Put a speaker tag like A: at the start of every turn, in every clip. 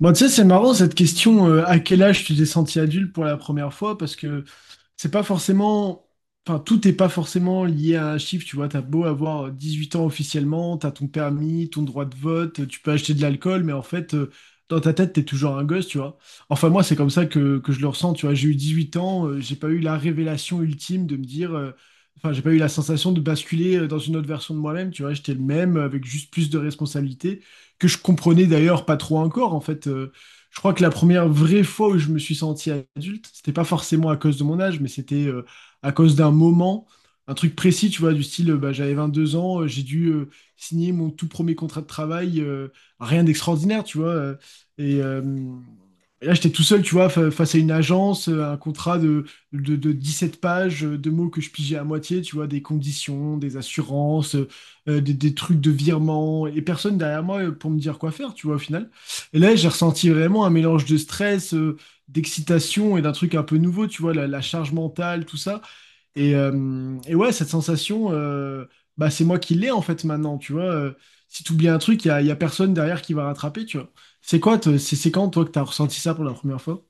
A: Bon, tu sais, c'est marrant cette question, à quel âge tu t'es senti adulte pour la première fois, parce que c'est pas forcément, enfin, tout n'est pas forcément lié à un chiffre, tu vois, t'as beau avoir 18 ans officiellement, t'as ton permis, ton droit de vote, tu peux acheter de l'alcool, mais en fait, dans ta tête, t'es toujours un gosse, tu vois. Enfin, moi, c'est comme ça que je le ressens, tu vois, j'ai eu 18 ans, j'ai pas eu la révélation ultime de me dire, enfin, j'ai pas eu la sensation de basculer dans une autre version de moi-même, tu vois, j'étais le même, avec juste plus de responsabilités que je comprenais d'ailleurs pas trop encore. En fait, je crois que la première vraie fois où je me suis senti adulte, c'était pas forcément à cause de mon âge, mais c'était à cause d'un moment, un truc précis, tu vois, du style, bah, j'avais 22 ans, j'ai dû signer mon tout premier contrat de travail, rien d'extraordinaire, tu vois. Et, et là, j'étais tout seul, tu vois, face à une agence, un contrat de 17 pages, de mots que je pigeais à moitié, tu vois, des conditions, des assurances, des trucs de virement et personne derrière moi pour me dire quoi faire, tu vois, au final. Et là, j'ai ressenti vraiment un mélange de stress, d'excitation et d'un truc un peu nouveau, tu vois, la charge mentale, tout ça. Et ouais, cette sensation, bah, c'est moi qui l'ai en fait maintenant, tu vois. Si tu oublies un truc, y a personne derrière qui va rattraper, tu vois. C'est quoi, c'est quand, toi, que tu as ressenti ça pour la première fois?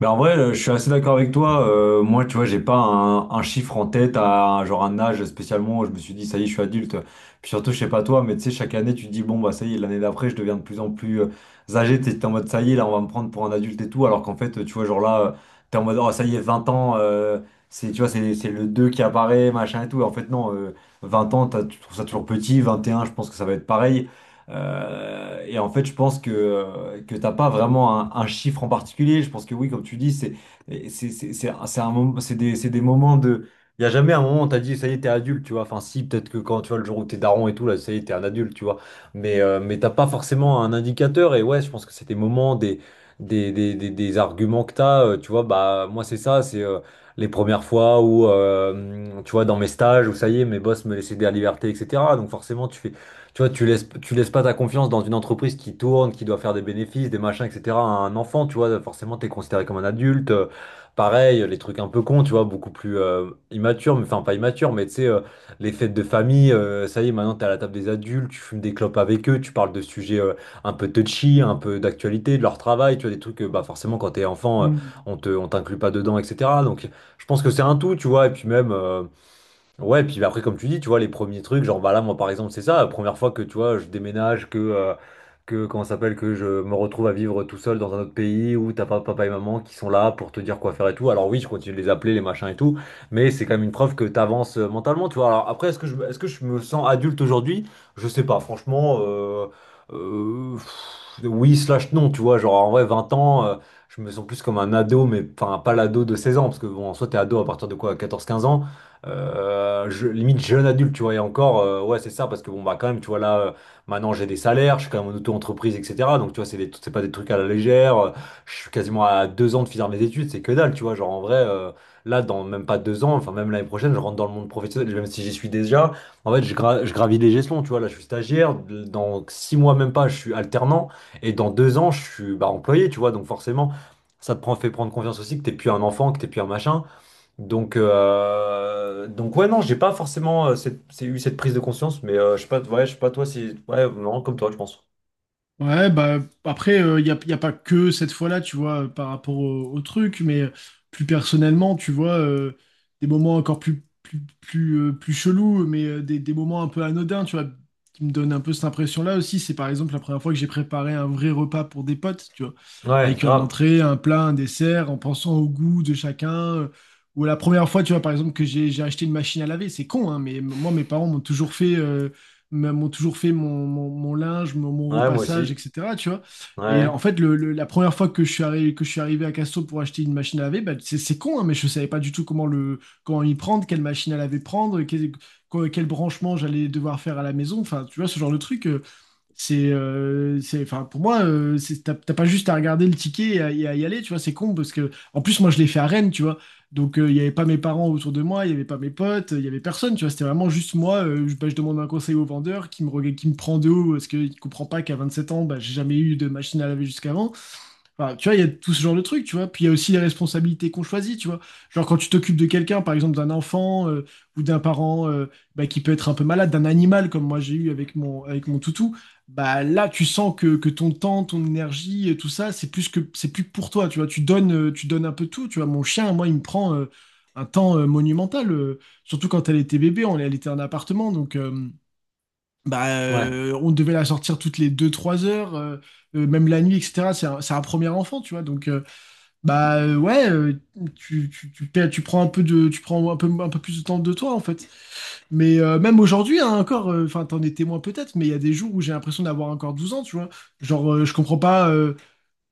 B: Mais en vrai, je suis assez d'accord avec toi. Moi, tu vois, j'ai pas un chiffre en tête, genre un âge spécialement où je me suis dit, ça y est, je suis adulte. Puis surtout, je sais pas toi, mais tu sais, chaque année, tu te dis, bon, bah ça y est, l'année d'après, je deviens de plus en plus âgé. T'es en mode, ça y est, là, on va me prendre pour un adulte et tout. Alors qu'en fait, tu vois, genre là, t'es en mode, oh, ça y est, 20 ans, c'est, tu vois, c'est le 2 qui apparaît, machin et tout. Et en fait, non, 20 ans, tu trouves ça toujours petit. 21, je pense que ça va être pareil. Et en fait, je pense que t'as pas vraiment un chiffre en particulier. Je pense que oui, comme tu dis, c'est des moments de. Il n'y a jamais un moment où t'as dit, ça y est, t'es adulte, tu vois. Enfin, si, peut-être que quand tu vois le jour où t'es daron et tout, là, ça y est, t'es un adulte, tu vois. Mais, t'as pas forcément un indicateur. Et ouais, je pense que c'est des moments, des arguments que t'as. Tu vois, bah, moi, c'est ça, c'est les premières fois où, tu vois, dans mes stages, où ça y est, mes boss me laissaient de la liberté, etc. Donc, forcément, tu fais. Tu vois, tu laisses pas ta confiance dans une entreprise qui tourne, qui doit faire des bénéfices, des machins, etc., à un enfant, tu vois, forcément, t'es considéré comme un adulte. Pareil, les trucs un peu cons, tu vois, beaucoup plus immatures, mais enfin pas immatures, mais tu sais, les fêtes de famille, ça y est, maintenant t'es à la table des adultes, tu fumes des clopes avec eux, tu parles de sujets un peu touchy, un peu d'actualité, de leur travail, tu vois, des trucs que, bah, forcément, quand t'es enfant, on t'inclut pas dedans, etc. Donc, je pense que c'est un tout, tu vois, et puis même. Ouais, puis après, comme tu dis, tu vois, les premiers trucs, genre, bah là, moi, par exemple, c'est ça, la première fois que, tu vois, je déménage, que, comment ça s'appelle, que je me retrouve à vivre tout seul dans un autre pays où t'as pas papa et maman qui sont là pour te dire quoi faire et tout. Alors oui, je continue de les appeler, les machins et tout, mais c'est quand même une preuve que t'avances mentalement, tu vois. Alors après, est-ce que je me sens adulte aujourd'hui? Je sais pas, franchement, oui, slash non, tu vois, genre, en vrai, 20 ans, je me sens plus comme un ado, mais enfin, pas l'ado de 16 ans, parce que bon, en soi, t'es ado à partir de quoi, 14 15 ans? Limite jeune adulte, tu vois, et encore, ouais, c'est ça, parce que bon, bah, quand même, tu vois, là, maintenant j'ai des salaires, je suis quand même en auto-entreprise, etc. Donc, tu vois, c'est pas des trucs à la légère. Je suis quasiment à 2 ans de finir mes études, c'est que dalle, tu vois. Genre, en vrai, là, dans même pas 2 ans, enfin, même l'année prochaine, je rentre dans le monde professionnel, même si j'y suis déjà. En fait, je gravis les échelons, tu vois. Là, je suis stagiaire, dans 6 mois, même pas, je suis alternant, et dans 2 ans, je suis bah, employé, tu vois, donc forcément. Ça te prend, fait prendre confiance aussi que t'es plus un enfant, que t'es plus un machin. Donc, ouais, non, j'ai pas forcément eu cette prise de conscience, mais je sais pas, ouais, je sais pas toi si, ouais, non, comme toi, je pense.
A: Ouais, bah après, y a pas que cette fois-là, tu vois, par rapport au truc, mais plus personnellement, tu vois, des moments encore plus chelous, mais des moments un peu anodins, tu vois, qui me donnent un peu cette impression-là aussi. C'est par exemple la première fois que j'ai préparé un vrai repas pour des potes, tu vois,
B: Ouais,
A: avec un
B: grave.
A: entrée, un plat, un dessert, en pensant au goût de chacun. euh, Ou la première fois, tu vois, par exemple, que j'ai acheté une machine à laver, c'est con, hein, mais moi, mes parents m'ont toujours fait m'ont toujours fait mon linge, mon
B: Ouais, moi
A: repassage,
B: aussi.
A: etc. Tu vois. Et
B: Ouais,
A: en fait, la première fois que je suis arrivé, que je suis arrivé à Casto pour acheter une machine à laver, bah, c'est con, hein, mais je savais pas du tout comment y prendre, quelle machine à laver prendre, quel branchement j'allais devoir faire à la maison. Enfin, tu vois, ce genre de truc. Enfin, pour moi, t'as pas juste à regarder le ticket et à y aller, tu vois, c'est con parce que, en plus, moi, je l'ai fait à Rennes, tu vois, donc il y avait pas mes parents autour de moi, il y avait pas mes potes, il y avait personne, tu vois, c'était vraiment juste moi, bah, je demande un conseil au vendeur qui me prend de haut parce qu'il comprend pas qu'à 27 ans, bah, j'ai jamais eu de machine à laver jusqu'avant. Enfin, tu vois, il y a tout ce genre de trucs, tu vois. Puis il y a aussi les responsabilités qu'on choisit, tu vois. Genre quand tu t'occupes de quelqu'un, par exemple d'un enfant ou d'un parent bah, qui peut être un peu malade, d'un animal comme moi j'ai eu avec avec mon toutou, bah là tu sens que ton temps, ton énergie, tout ça, c'est plus que pour toi, tu vois. Tu donnes un peu tout, tu vois. Mon chien, moi, il me prend un temps monumental, surtout quand elle était bébé, on, elle était en appartement, donc. Bah,
B: ouais.
A: on devait la sortir toutes les 2 3 heures, même la nuit, etc. C'est un premier enfant, tu vois. Donc, ouais, tu prends un peu de, tu prends un peu plus de temps de toi, en fait. Mais même aujourd'hui, hein, encore, enfin, t'en es témoin peut-être, mais il y a des jours où j'ai l'impression d'avoir encore 12 ans, tu vois. Genre, je comprends pas.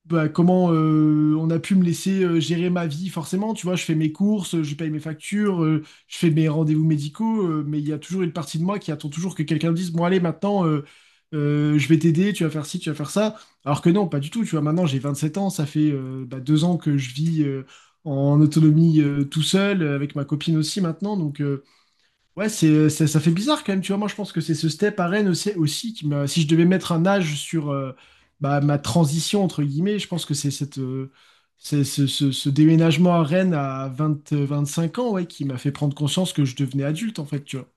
A: Bah, comment on a pu me laisser gérer ma vie, forcément. Tu vois, je fais mes courses, je paye mes factures, je fais mes rendez-vous médicaux, mais il y a toujours une partie de moi qui attend toujours que quelqu'un me dise, bon, allez, maintenant, je vais t'aider, tu vas faire ci, tu vas faire ça. Alors que non, pas du tout. Tu vois, maintenant, j'ai 27 ans, ça fait bah, 2 ans que je vis en autonomie tout seul, avec ma copine aussi maintenant. Ouais, ça fait bizarre quand même, tu vois. Moi, je pense que c'est ce step à Rennes aussi qui m'a. Si je devais mettre un âge sur bah, ma transition, entre guillemets, je pense que c'est cette, ce déménagement à Rennes à 20 cinq ans ouais, qui m'a fait prendre conscience que je devenais adulte, en fait, tu vois.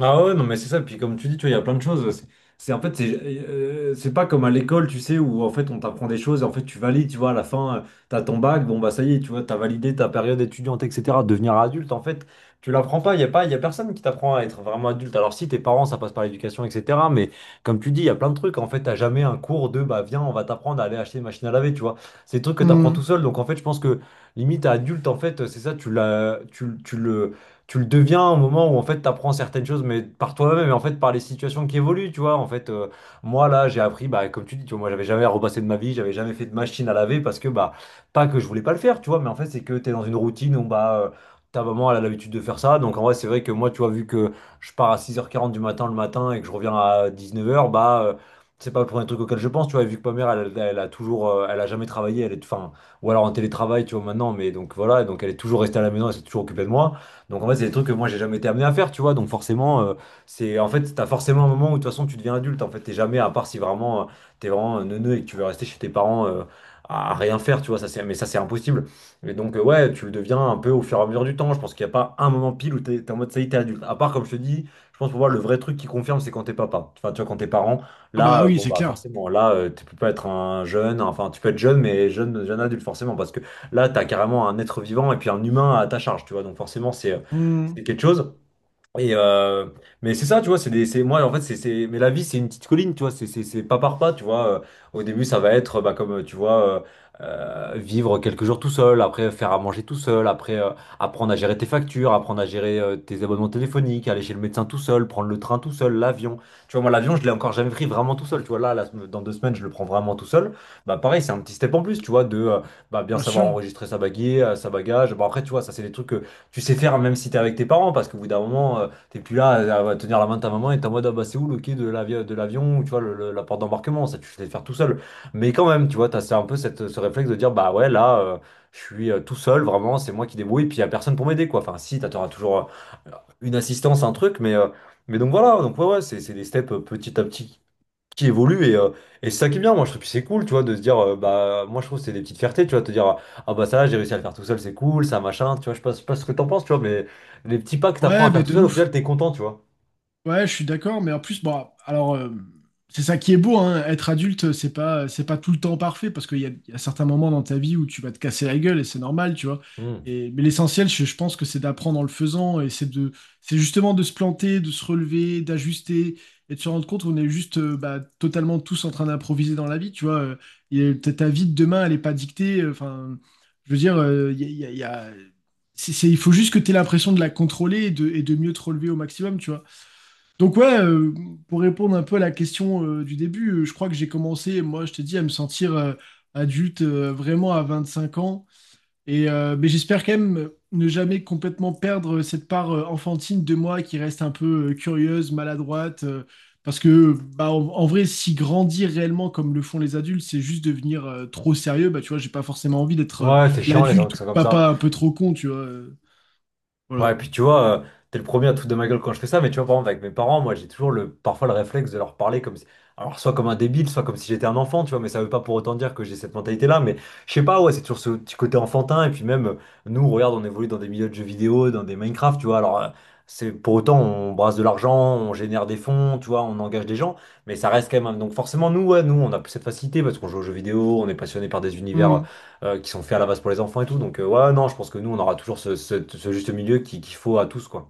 B: Ah ouais, non, mais c'est ça. Puis comme tu dis, tu vois, il y a plein de choses. En fait, c'est pas comme à l'école, tu sais, où en fait on t'apprend des choses et en fait tu valides, tu vois, à la fin, t'as ton bac, bon bah ça y est, tu vois, t'as validé ta période étudiante, etc. Devenir adulte, en fait, tu l'apprends pas. Il y a personne qui t'apprend à être vraiment adulte. Alors si tes parents, ça passe par l'éducation, etc. Mais comme tu dis, il y a plein de trucs. En fait, t'as jamais un cours de bah viens, on va t'apprendre à aller acheter une machine à laver, tu vois. C'est des trucs que t'apprends
A: Hmm.
B: tout seul. Donc en fait, je pense que limite à adulte, en fait, c'est ça, tu l'as, tu le deviens au moment où en fait tu apprends certaines choses mais par toi-même et en fait par les situations qui évoluent, tu vois. En fait, moi là j'ai appris, bah, comme tu dis, tu vois, moi j'avais jamais repassé de ma vie, j'avais jamais fait de machine à laver, parce que bah pas que je voulais pas le faire, tu vois, mais en fait c'est que tu es dans une routine où bah ta maman elle a l'habitude de faire ça. Donc en vrai c'est vrai que moi, tu vois, vu que je pars à 6h40 du matin le matin et que je reviens à 19h, bah c'est pas le premier truc auquel je pense, tu vois. Et vu que ma mère, elle, elle a toujours elle a jamais travaillé, elle est, enfin, ou alors en télétravail, tu vois, maintenant, mais donc voilà, donc elle est toujours restée à la maison, elle s'est toujours occupée de moi, donc en fait, c'est des trucs que moi j'ai jamais été amené à faire, tu vois. Donc forcément, c'est en fait, t'as forcément un moment où de toute façon tu deviens adulte. En fait, t'es jamais, à part si vraiment t'es vraiment un neuneu et que tu veux rester chez tes parents à rien faire, tu vois. Ça, c'est, mais ça, c'est impossible. Et donc, ouais, tu le deviens un peu au fur et à mesure du temps. Je pense qu'il n'y a pas un moment pile où t'es en mode ça y est, t'es adulte. À part, comme je te dis, je pense pour moi, le vrai truc qui confirme, c'est quand t'es papa. Enfin, tu vois, quand t'es parent,
A: Ah bah
B: là,
A: oui,
B: bon,
A: c'est
B: bah,
A: clair.
B: forcément, là, tu peux pas être un jeune. Enfin, tu peux être jeune, mais jeune, jeune adulte, forcément, parce que là, t'as carrément un être vivant et puis un humain à ta charge, tu vois. Donc, forcément, c'est, euh,
A: Hmm.
B: c'est quelque chose. Et mais c'est ça, tu vois, c'est moi en fait, mais la vie c'est une petite colline, tu vois, c'est pas par pas, tu vois. Au début, ça va être, bah, comme tu vois, vivre quelques jours tout seul, après faire à manger tout seul, après apprendre à gérer tes factures, apprendre à gérer tes abonnements téléphoniques, aller chez le médecin tout seul, prendre le train tout seul, l'avion. Tu vois, moi l'avion, je l'ai encore jamais pris vraiment tout seul, tu vois. Là, dans 2 semaines, je le prends vraiment tout seul. Bah pareil, c'est un petit step en plus, tu vois, de bah, bien
A: Bien
B: savoir
A: sûr.
B: enregistrer sa baguette, sa bagage. Bon après, tu vois, ça c'est des trucs tu sais faire même si t'es avec tes parents, parce qu'au bout d'un moment, t'es plus là à tenir la main de ta maman et t'es en mode ah bah c'est où le quai de l'avion, ou tu vois, la porte d'embarquement, ça tu sais faire tout seul. Mais quand même, tu vois, t'as c'est un peu cette, ce réflexe de dire bah ouais, là, je suis tout seul, vraiment, c'est moi qui débrouille, puis y a personne pour m'aider, quoi. Enfin, si, t'auras toujours une assistance, un truc, mais donc voilà, donc ouais, ouais, c'est des steps petit à petit qui évolue et c'est ça qui est bien. Moi je trouve que c'est cool, tu vois, de se dire, bah moi je trouve que c'est des petites fiertés, tu vois, te dire, ah bah ça là j'ai réussi à le faire tout seul, c'est cool ça, machin, tu vois. Je sais pas ce que t'en penses, tu vois, mais les petits pas que t'apprends
A: Ouais,
B: à faire
A: bah
B: tout
A: de
B: seul, au final
A: ouf.
B: t'es content, tu vois.
A: Ouais, je suis d'accord, mais en plus, bon, alors, c'est ça qui est beau, hein, être adulte, c'est pas tout le temps parfait, parce qu'il y a, il y a certains moments dans ta vie où tu vas te casser la gueule, et c'est normal, tu vois.
B: Hmm.
A: Et, mais l'essentiel, je pense que c'est d'apprendre en le faisant, et c'est de, c'est justement de se planter, de se relever, d'ajuster, et de se rendre compte qu'on est juste bah, totalement tous en train d'improviser dans la vie, tu vois. Et ta vie de demain, elle est pas dictée, enfin, je veux dire, il y a, il y a- il y a- c'est- il faut juste que tu aies l'impression de la contrôler et de mieux te relever au maximum, tu vois. Donc ouais, pour répondre un peu à la question du début, je crois que j'ai commencé, moi je te dis, à me sentir adulte vraiment à 25 ans. Et mais j'espère quand même ne jamais complètement perdre cette part enfantine de moi qui reste un peu curieuse, maladroite. Parce que bah, en vrai, si grandir réellement comme le font les adultes, c'est juste devenir trop sérieux, bah tu vois, j'ai pas forcément envie d'être
B: Ouais, c'est chiant les gens
A: l'adulte
B: qui
A: ou
B: sont
A: le
B: comme ça.
A: papa un peu trop con, tu vois.
B: Ouais,
A: Voilà.
B: puis tu vois, t'es le premier à te foutre de ma gueule quand je fais ça, mais tu vois, par exemple, avec mes parents, moi, j'ai toujours le, parfois le réflexe de leur parler comme si, alors, soit comme un débile, soit comme si j'étais un enfant, tu vois, mais ça veut pas pour autant dire que j'ai cette mentalité-là, mais je sais pas, ouais, c'est toujours ce petit côté enfantin, et puis même, nous, regarde, on évolue dans des milieux de jeux vidéo, dans des Minecraft, tu vois, alors, c'est pour autant, on brasse de l'argent, on génère des fonds, tu vois, on engage des gens, mais ça reste quand même, donc forcément, nous, ouais, nous, on a plus cette facilité parce qu'on joue aux jeux vidéo, on est passionné par des univers qui sont faits à la base pour les enfants et tout. Donc, ouais, non, je pense que nous, on aura toujours ce juste milieu qu'il faut à tous, quoi.